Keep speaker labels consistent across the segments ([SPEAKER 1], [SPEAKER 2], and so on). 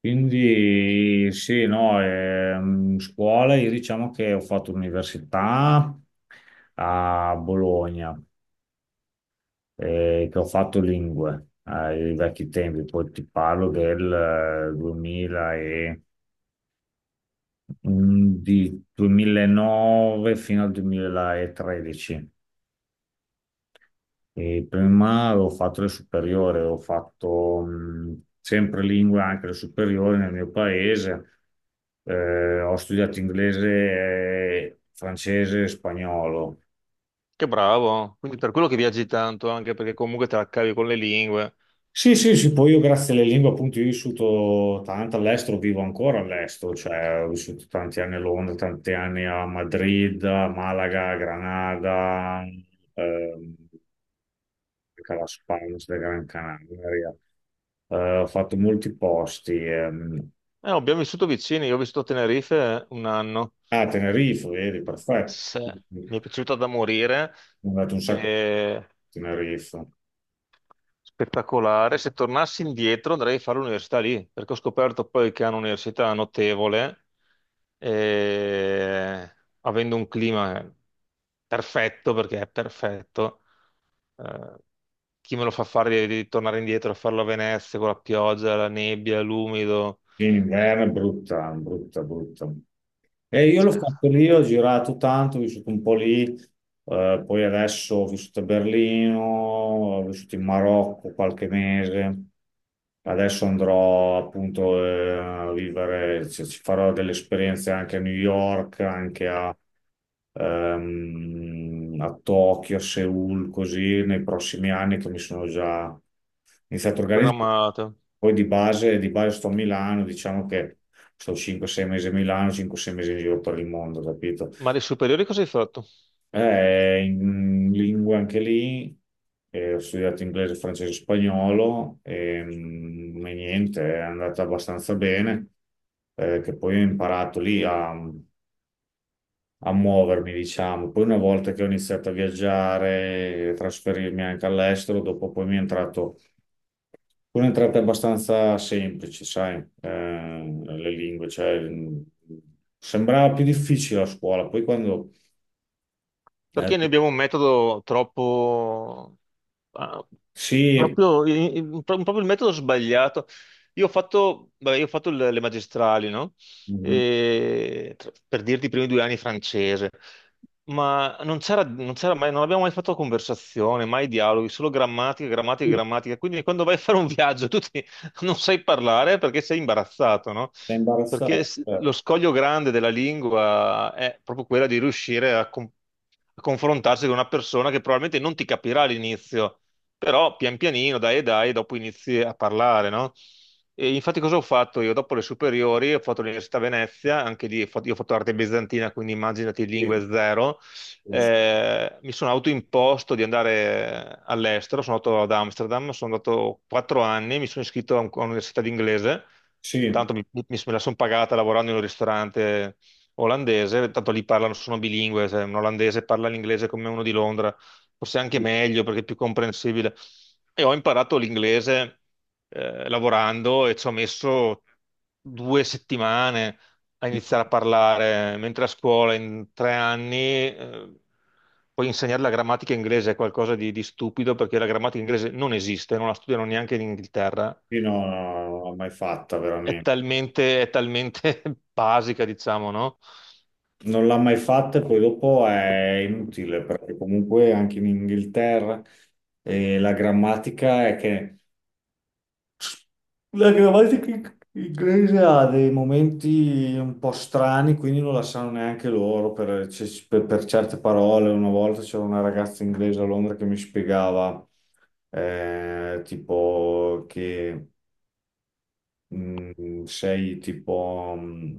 [SPEAKER 1] Quindi sì, no, scuola, io diciamo che ho fatto l'università a Bologna, che ho fatto lingue ai vecchi tempi, poi ti parlo del 2000 e, di 2009 fino al 2013. E prima avevo fatto le superiori, avevo fatto sempre lingue anche le superiori nel mio paese. Ho studiato inglese, francese e spagnolo.
[SPEAKER 2] Che bravo, quindi per quello che viaggi tanto, anche perché comunque te la cavi con le lingue.
[SPEAKER 1] Sì, sì, sì, poi io grazie alle lingue appunto io ho vissuto tanto all'estero, vivo ancora all'estero, cioè ho vissuto tanti anni a Londra, tanti anni a Madrid, a Malaga, a Granada, ehm, anche la Spalms della Gran Canaria. Ho fatto molti posti.
[SPEAKER 2] Abbiamo vissuto vicini, io ho vissuto a Tenerife un anno.
[SPEAKER 1] Ah, Tenerife, vedi, perfetto. Mi
[SPEAKER 2] Mi è piaciuta da morire,
[SPEAKER 1] ho dato un sacco a
[SPEAKER 2] eh,
[SPEAKER 1] Tenerife.
[SPEAKER 2] spettacolare. Se tornassi indietro andrei a fare l'università lì, perché ho scoperto poi che hanno un'università notevole, eh, avendo un clima perfetto, perché è perfetto. eh, Chi me lo fa fare di tornare indietro a farlo a Venezia con la pioggia, la nebbia, l'umido?
[SPEAKER 1] In inverno è brutta, brutta, brutta. E io l'ho
[SPEAKER 2] Cioè,
[SPEAKER 1] fatto lì, ho girato tanto, ho vissuto un po' lì, poi adesso ho vissuto a Berlino, ho vissuto in Marocco qualche mese, adesso andrò appunto a vivere, cioè, ci farò delle esperienze anche a New York, anche a, a Tokyo, a Seoul, così nei prossimi anni che mi sono già iniziato a organizzare.
[SPEAKER 2] programmate.
[SPEAKER 1] Poi di base sto a Milano, diciamo che sto 5-6 mesi a Milano, 5-6 mesi in giro per il mondo, capito?
[SPEAKER 2] Ma le superiori cosa hai fatto?
[SPEAKER 1] In lingue anche lì, ho studiato inglese, francese e spagnolo, e niente, è andata abbastanza bene, che poi ho imparato lì a muovermi, diciamo. Poi una volta che ho iniziato a viaggiare, a trasferirmi anche all'estero, dopo poi mi è entrato un'entrata abbastanza semplice, sai, le lingue, cioè, sembrava più difficile a scuola, poi quando. eh,
[SPEAKER 2] Perché noi abbiamo un metodo troppo. Ah,
[SPEAKER 1] sì,
[SPEAKER 2] proprio, proprio il metodo sbagliato. Io ho fatto, vabbè, io ho fatto le magistrali, no?
[SPEAKER 1] mhm,
[SPEAKER 2] E, per dirti i primi 2 anni francese. Ma non c'era mai, non abbiamo mai fatto conversazione, mai dialoghi, solo grammatica, grammatica,
[SPEAKER 1] sì,
[SPEAKER 2] grammatica. Quindi quando vai a fare un viaggio, non sai parlare perché sei imbarazzato, no?
[SPEAKER 1] sei
[SPEAKER 2] Perché
[SPEAKER 1] imbarazzato,
[SPEAKER 2] lo scoglio grande della lingua è proprio quella di riuscire a confrontarsi con una persona che probabilmente non ti capirà all'inizio, però pian pianino, dai e dai, dopo inizi a parlare, no? E infatti cosa ho fatto io? Dopo le superiori ho fatto l'università a Venezia, anche lì ho fatto arte bizantina, quindi immaginati
[SPEAKER 1] sì,
[SPEAKER 2] lingue zero. Mi sono autoimposto di andare all'estero, sono andato ad Amsterdam, sono andato 4 anni, mi sono iscritto a un'università di inglese,
[SPEAKER 1] sì,
[SPEAKER 2] intanto me la sono pagata lavorando in un ristorante olandese, tanto lì parlano, sono bilingue, se un olandese parla l'inglese come uno di Londra, forse anche
[SPEAKER 1] sì,
[SPEAKER 2] meglio perché è più comprensibile. E ho imparato l'inglese lavorando e ci ho messo 2 settimane a iniziare a parlare, mentre a scuola in 3 anni puoi insegnare la grammatica inglese, è qualcosa di stupido perché la grammatica inglese non esiste, non la studiano neanche in Inghilterra,
[SPEAKER 1] sì, no, no, non l'ho mai fatta veramente.
[SPEAKER 2] è talmente basica, diciamo, no?
[SPEAKER 1] Non l'ha mai fatta e poi dopo è inutile perché comunque anche in Inghilterra la grammatica è che la grammatica inglese ha dei momenti un po' strani, quindi non la sanno neanche loro per, per certe parole. Una volta c'era una ragazza inglese a Londra che mi spiegava tipo che sei tipo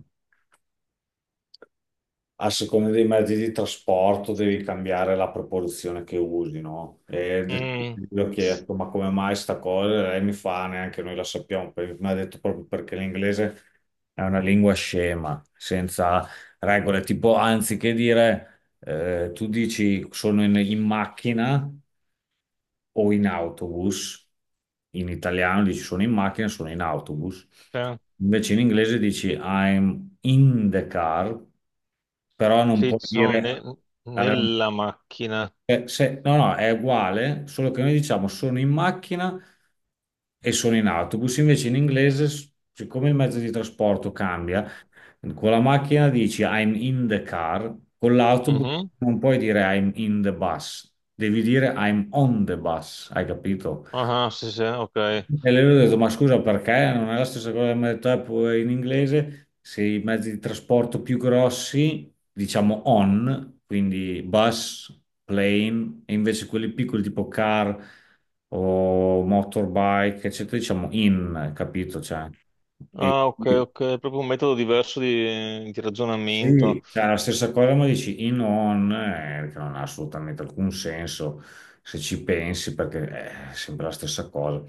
[SPEAKER 1] a seconda dei mezzi di trasporto devi cambiare la proporzione che usi, no? E
[SPEAKER 2] Mm,
[SPEAKER 1] gli ho chiesto, ma come mai sta cosa? Lei mi fa, neanche noi la sappiamo. Mi ha detto proprio perché l'inglese è una lingua scema, senza regole, tipo anziché dire, tu dici sono in macchina o in autobus. In italiano dici sono in macchina, sono in autobus.
[SPEAKER 2] sì,
[SPEAKER 1] Invece in inglese dici I'm in the car, però non
[SPEAKER 2] sì,
[SPEAKER 1] puoi
[SPEAKER 2] ci sono
[SPEAKER 1] dire
[SPEAKER 2] nella macchina.
[SPEAKER 1] no, no, è uguale, solo che noi diciamo sono in macchina e sono in autobus, invece in inglese, siccome il mezzo di trasporto cambia, con la macchina dici I'm in the car, con l'autobus
[SPEAKER 2] Mhm.
[SPEAKER 1] non puoi dire I'm in the bus, devi dire I'm on the bus, hai capito?
[SPEAKER 2] Ah, sì, sì, ok.
[SPEAKER 1] E lui ha detto, ma scusa, perché non è la stessa cosa che mi ha detto Apple in inglese? Se i mezzi di trasporto più grossi, diciamo on, quindi bus, plane, e invece quelli piccoli tipo car o motorbike, eccetera, diciamo in, capito? Cioè, e-
[SPEAKER 2] Ah, ok, ok, è proprio un metodo diverso di ragionamento.
[SPEAKER 1] sì, cioè la stessa cosa, ma dici in on, che non ha assolutamente alcun senso se ci pensi, perché è sempre la stessa cosa.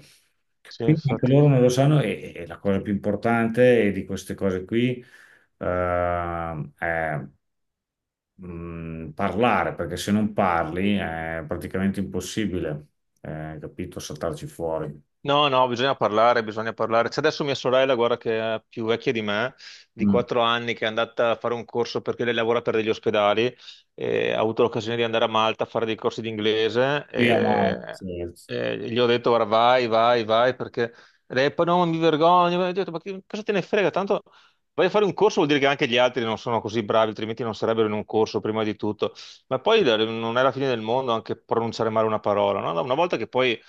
[SPEAKER 2] Sì,
[SPEAKER 1] Quindi anche
[SPEAKER 2] infatti.
[SPEAKER 1] loro non lo sanno e la cosa più importante di queste cose qui è parlare, perché se non parli è praticamente impossibile, capito, saltarci fuori.
[SPEAKER 2] No, no, bisogna parlare, bisogna parlare. C'è adesso mia sorella, guarda, che è più vecchia di me, di
[SPEAKER 1] Mm.
[SPEAKER 2] 4 anni, che è andata a fare un corso perché lei lavora per degli ospedali e ha avuto l'occasione di andare a Malta a fare dei corsi di inglese
[SPEAKER 1] Sì,
[SPEAKER 2] e,
[SPEAKER 1] ma sì,
[SPEAKER 2] e gli ho detto, guarda, vai, vai, vai, perché lei poi no, mi vergogno, ho detto, ma cosa te ne frega? Tanto vai a fare un corso vuol dire che anche gli altri non sono così bravi, altrimenti non sarebbero in un corso prima di tutto. Ma poi non è la fine del mondo anche pronunciare male una parola, no? Una volta che poi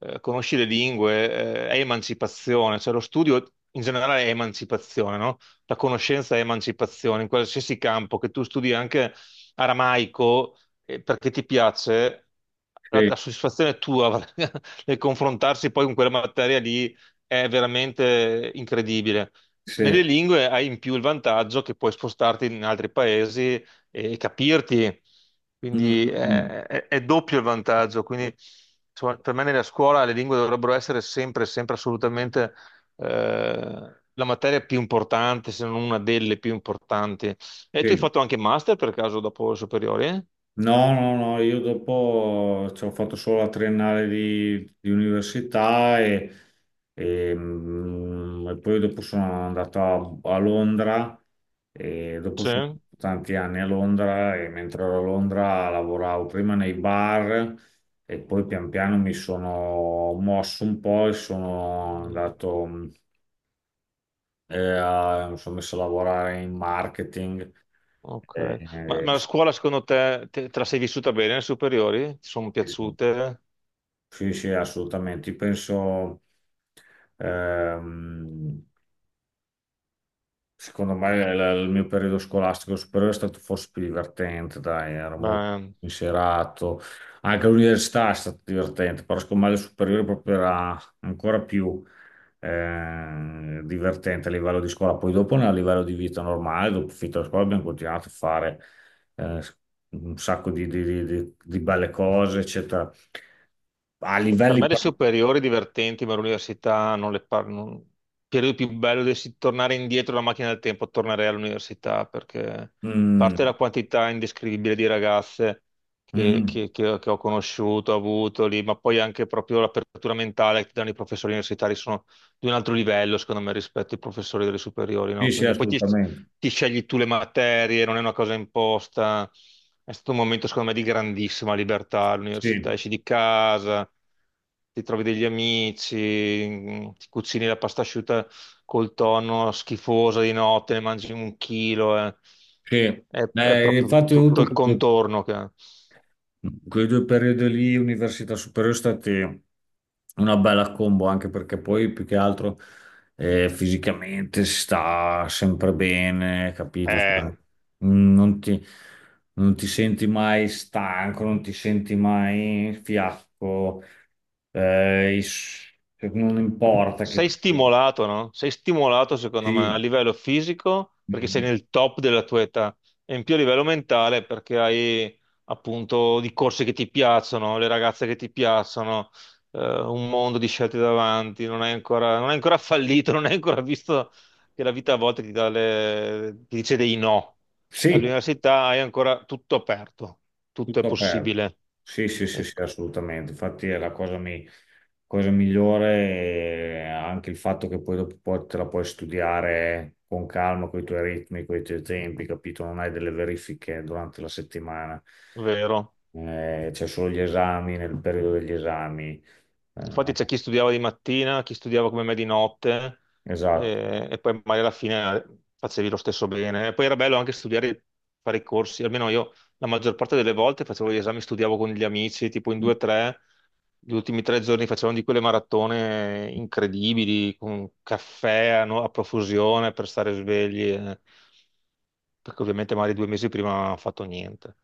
[SPEAKER 2] conosci le lingue, è emancipazione, cioè lo studio in generale è emancipazione, no? La conoscenza è emancipazione, in qualsiasi campo, che tu studi anche aramaico perché ti piace, la,
[SPEAKER 1] sì.
[SPEAKER 2] la soddisfazione tua nel confrontarsi poi con quella materia lì è veramente incredibile. Nelle
[SPEAKER 1] Sì.
[SPEAKER 2] lingue hai in più il vantaggio che puoi spostarti in altri paesi e capirti.
[SPEAKER 1] Mm,
[SPEAKER 2] Quindi
[SPEAKER 1] mm, mm.
[SPEAKER 2] è doppio il vantaggio. Quindi insomma, per me nella scuola le lingue dovrebbero essere sempre, sempre assolutamente la materia più importante, se non una delle più importanti. E tu hai
[SPEAKER 1] Sì.
[SPEAKER 2] fatto anche master per caso dopo le superiori?
[SPEAKER 1] No, no, no, io dopo ci ho fatto solo la triennale di università e poi dopo sono andato a Londra e dopo
[SPEAKER 2] Sì.
[SPEAKER 1] sono stato tanti anni a Londra e mentre ero a Londra lavoravo prima nei bar e poi pian piano mi sono mosso un po' e sono
[SPEAKER 2] Mm,
[SPEAKER 1] andato, mi sono messo a lavorare in marketing.
[SPEAKER 2] ok.
[SPEAKER 1] Eh,
[SPEAKER 2] Ma la scuola secondo te, la sei vissuta bene le superiori? Ti sono
[SPEAKER 1] eh,
[SPEAKER 2] piaciute?
[SPEAKER 1] Sì, sì, assolutamente. Io penso, ehm, secondo me, il mio periodo scolastico superiore è stato forse più divertente, dai, ero molto
[SPEAKER 2] Beh.
[SPEAKER 1] inserato. Anche l'università è stata divertente, però secondo me il superiore proprio era ancora più divertente a livello di scuola. Poi dopo, a livello di vita normale, dopo finita la scuola, abbiamo continuato a fare eh, un sacco di belle cose, eccetera a
[SPEAKER 2] Per
[SPEAKER 1] livelli.
[SPEAKER 2] me le superiori divertenti, ma l'università non le parlo. Il periodo più bello dovessi tornare indietro la macchina del tempo, tornerei all'università perché a
[SPEAKER 1] Mm,
[SPEAKER 2] parte la quantità indescrivibile di ragazze
[SPEAKER 1] mm.
[SPEAKER 2] che ho conosciuto, ho avuto lì, ma poi anche proprio l'apertura mentale che ti danno i professori universitari sono di un altro livello, secondo me, rispetto ai professori delle superiori, no?
[SPEAKER 1] Sì, sì,
[SPEAKER 2] Quindi poi ti,
[SPEAKER 1] assolutamente.
[SPEAKER 2] ti scegli tu le materie, non è una cosa imposta. È stato un momento, secondo me, di grandissima libertà all'università.
[SPEAKER 1] Sì,
[SPEAKER 2] Esci di casa, ti trovi degli amici, ti cucini la pasta asciutta col tonno schifosa di notte, ne mangi un chilo.
[SPEAKER 1] sì.
[SPEAKER 2] È proprio
[SPEAKER 1] Infatti ho
[SPEAKER 2] tutto
[SPEAKER 1] avuto
[SPEAKER 2] il contorno che.
[SPEAKER 1] quei due periodi lì, università superiore, sono stati una bella combo, anche perché poi più che altro fisicamente si sta sempre bene, capito?
[SPEAKER 2] Eh,
[SPEAKER 1] Mm. Non ti senti mai stanco, non ti senti mai fiacco, eh, i s- non importa che
[SPEAKER 2] Sei
[SPEAKER 1] tu.
[SPEAKER 2] stimolato, no? Sei stimolato, secondo me, a
[SPEAKER 1] Sì,
[SPEAKER 2] livello fisico perché sei
[SPEAKER 1] mm,
[SPEAKER 2] nel top della tua età e in più a livello mentale perché hai appunto di corse che ti piacciono, le ragazze che ti piacciono, un mondo di scelte davanti, non hai ancora fallito, non hai ancora visto che la vita a volte ti dà ti dice dei no.
[SPEAKER 1] sì.
[SPEAKER 2] All'università hai ancora tutto aperto, tutto è
[SPEAKER 1] Tutto aperto.
[SPEAKER 2] possibile,
[SPEAKER 1] Sì, sì,
[SPEAKER 2] è
[SPEAKER 1] sì, sì, assolutamente. Infatti è la cosa, cosa migliore, anche il fatto che poi dopo poi te la puoi studiare con calma, con i tuoi ritmi, con i tuoi tempi, capito? Non hai delle verifiche durante la settimana.
[SPEAKER 2] vero.
[SPEAKER 1] C'è solo gli esami nel periodo degli esami. Eh,
[SPEAKER 2] Infatti c'è chi studiava di mattina, chi studiava come me di notte,
[SPEAKER 1] esatto.
[SPEAKER 2] e poi magari alla fine facevi lo stesso bene. E poi era bello anche studiare, fare i corsi, almeno io la maggior parte delle volte facevo gli esami, studiavo con gli amici, tipo in 2 o 3, gli ultimi 3 giorni facevamo di quelle maratone incredibili, con caffè a, no- a profusione per stare svegli, perché ovviamente magari 2 mesi prima non ho fatto niente.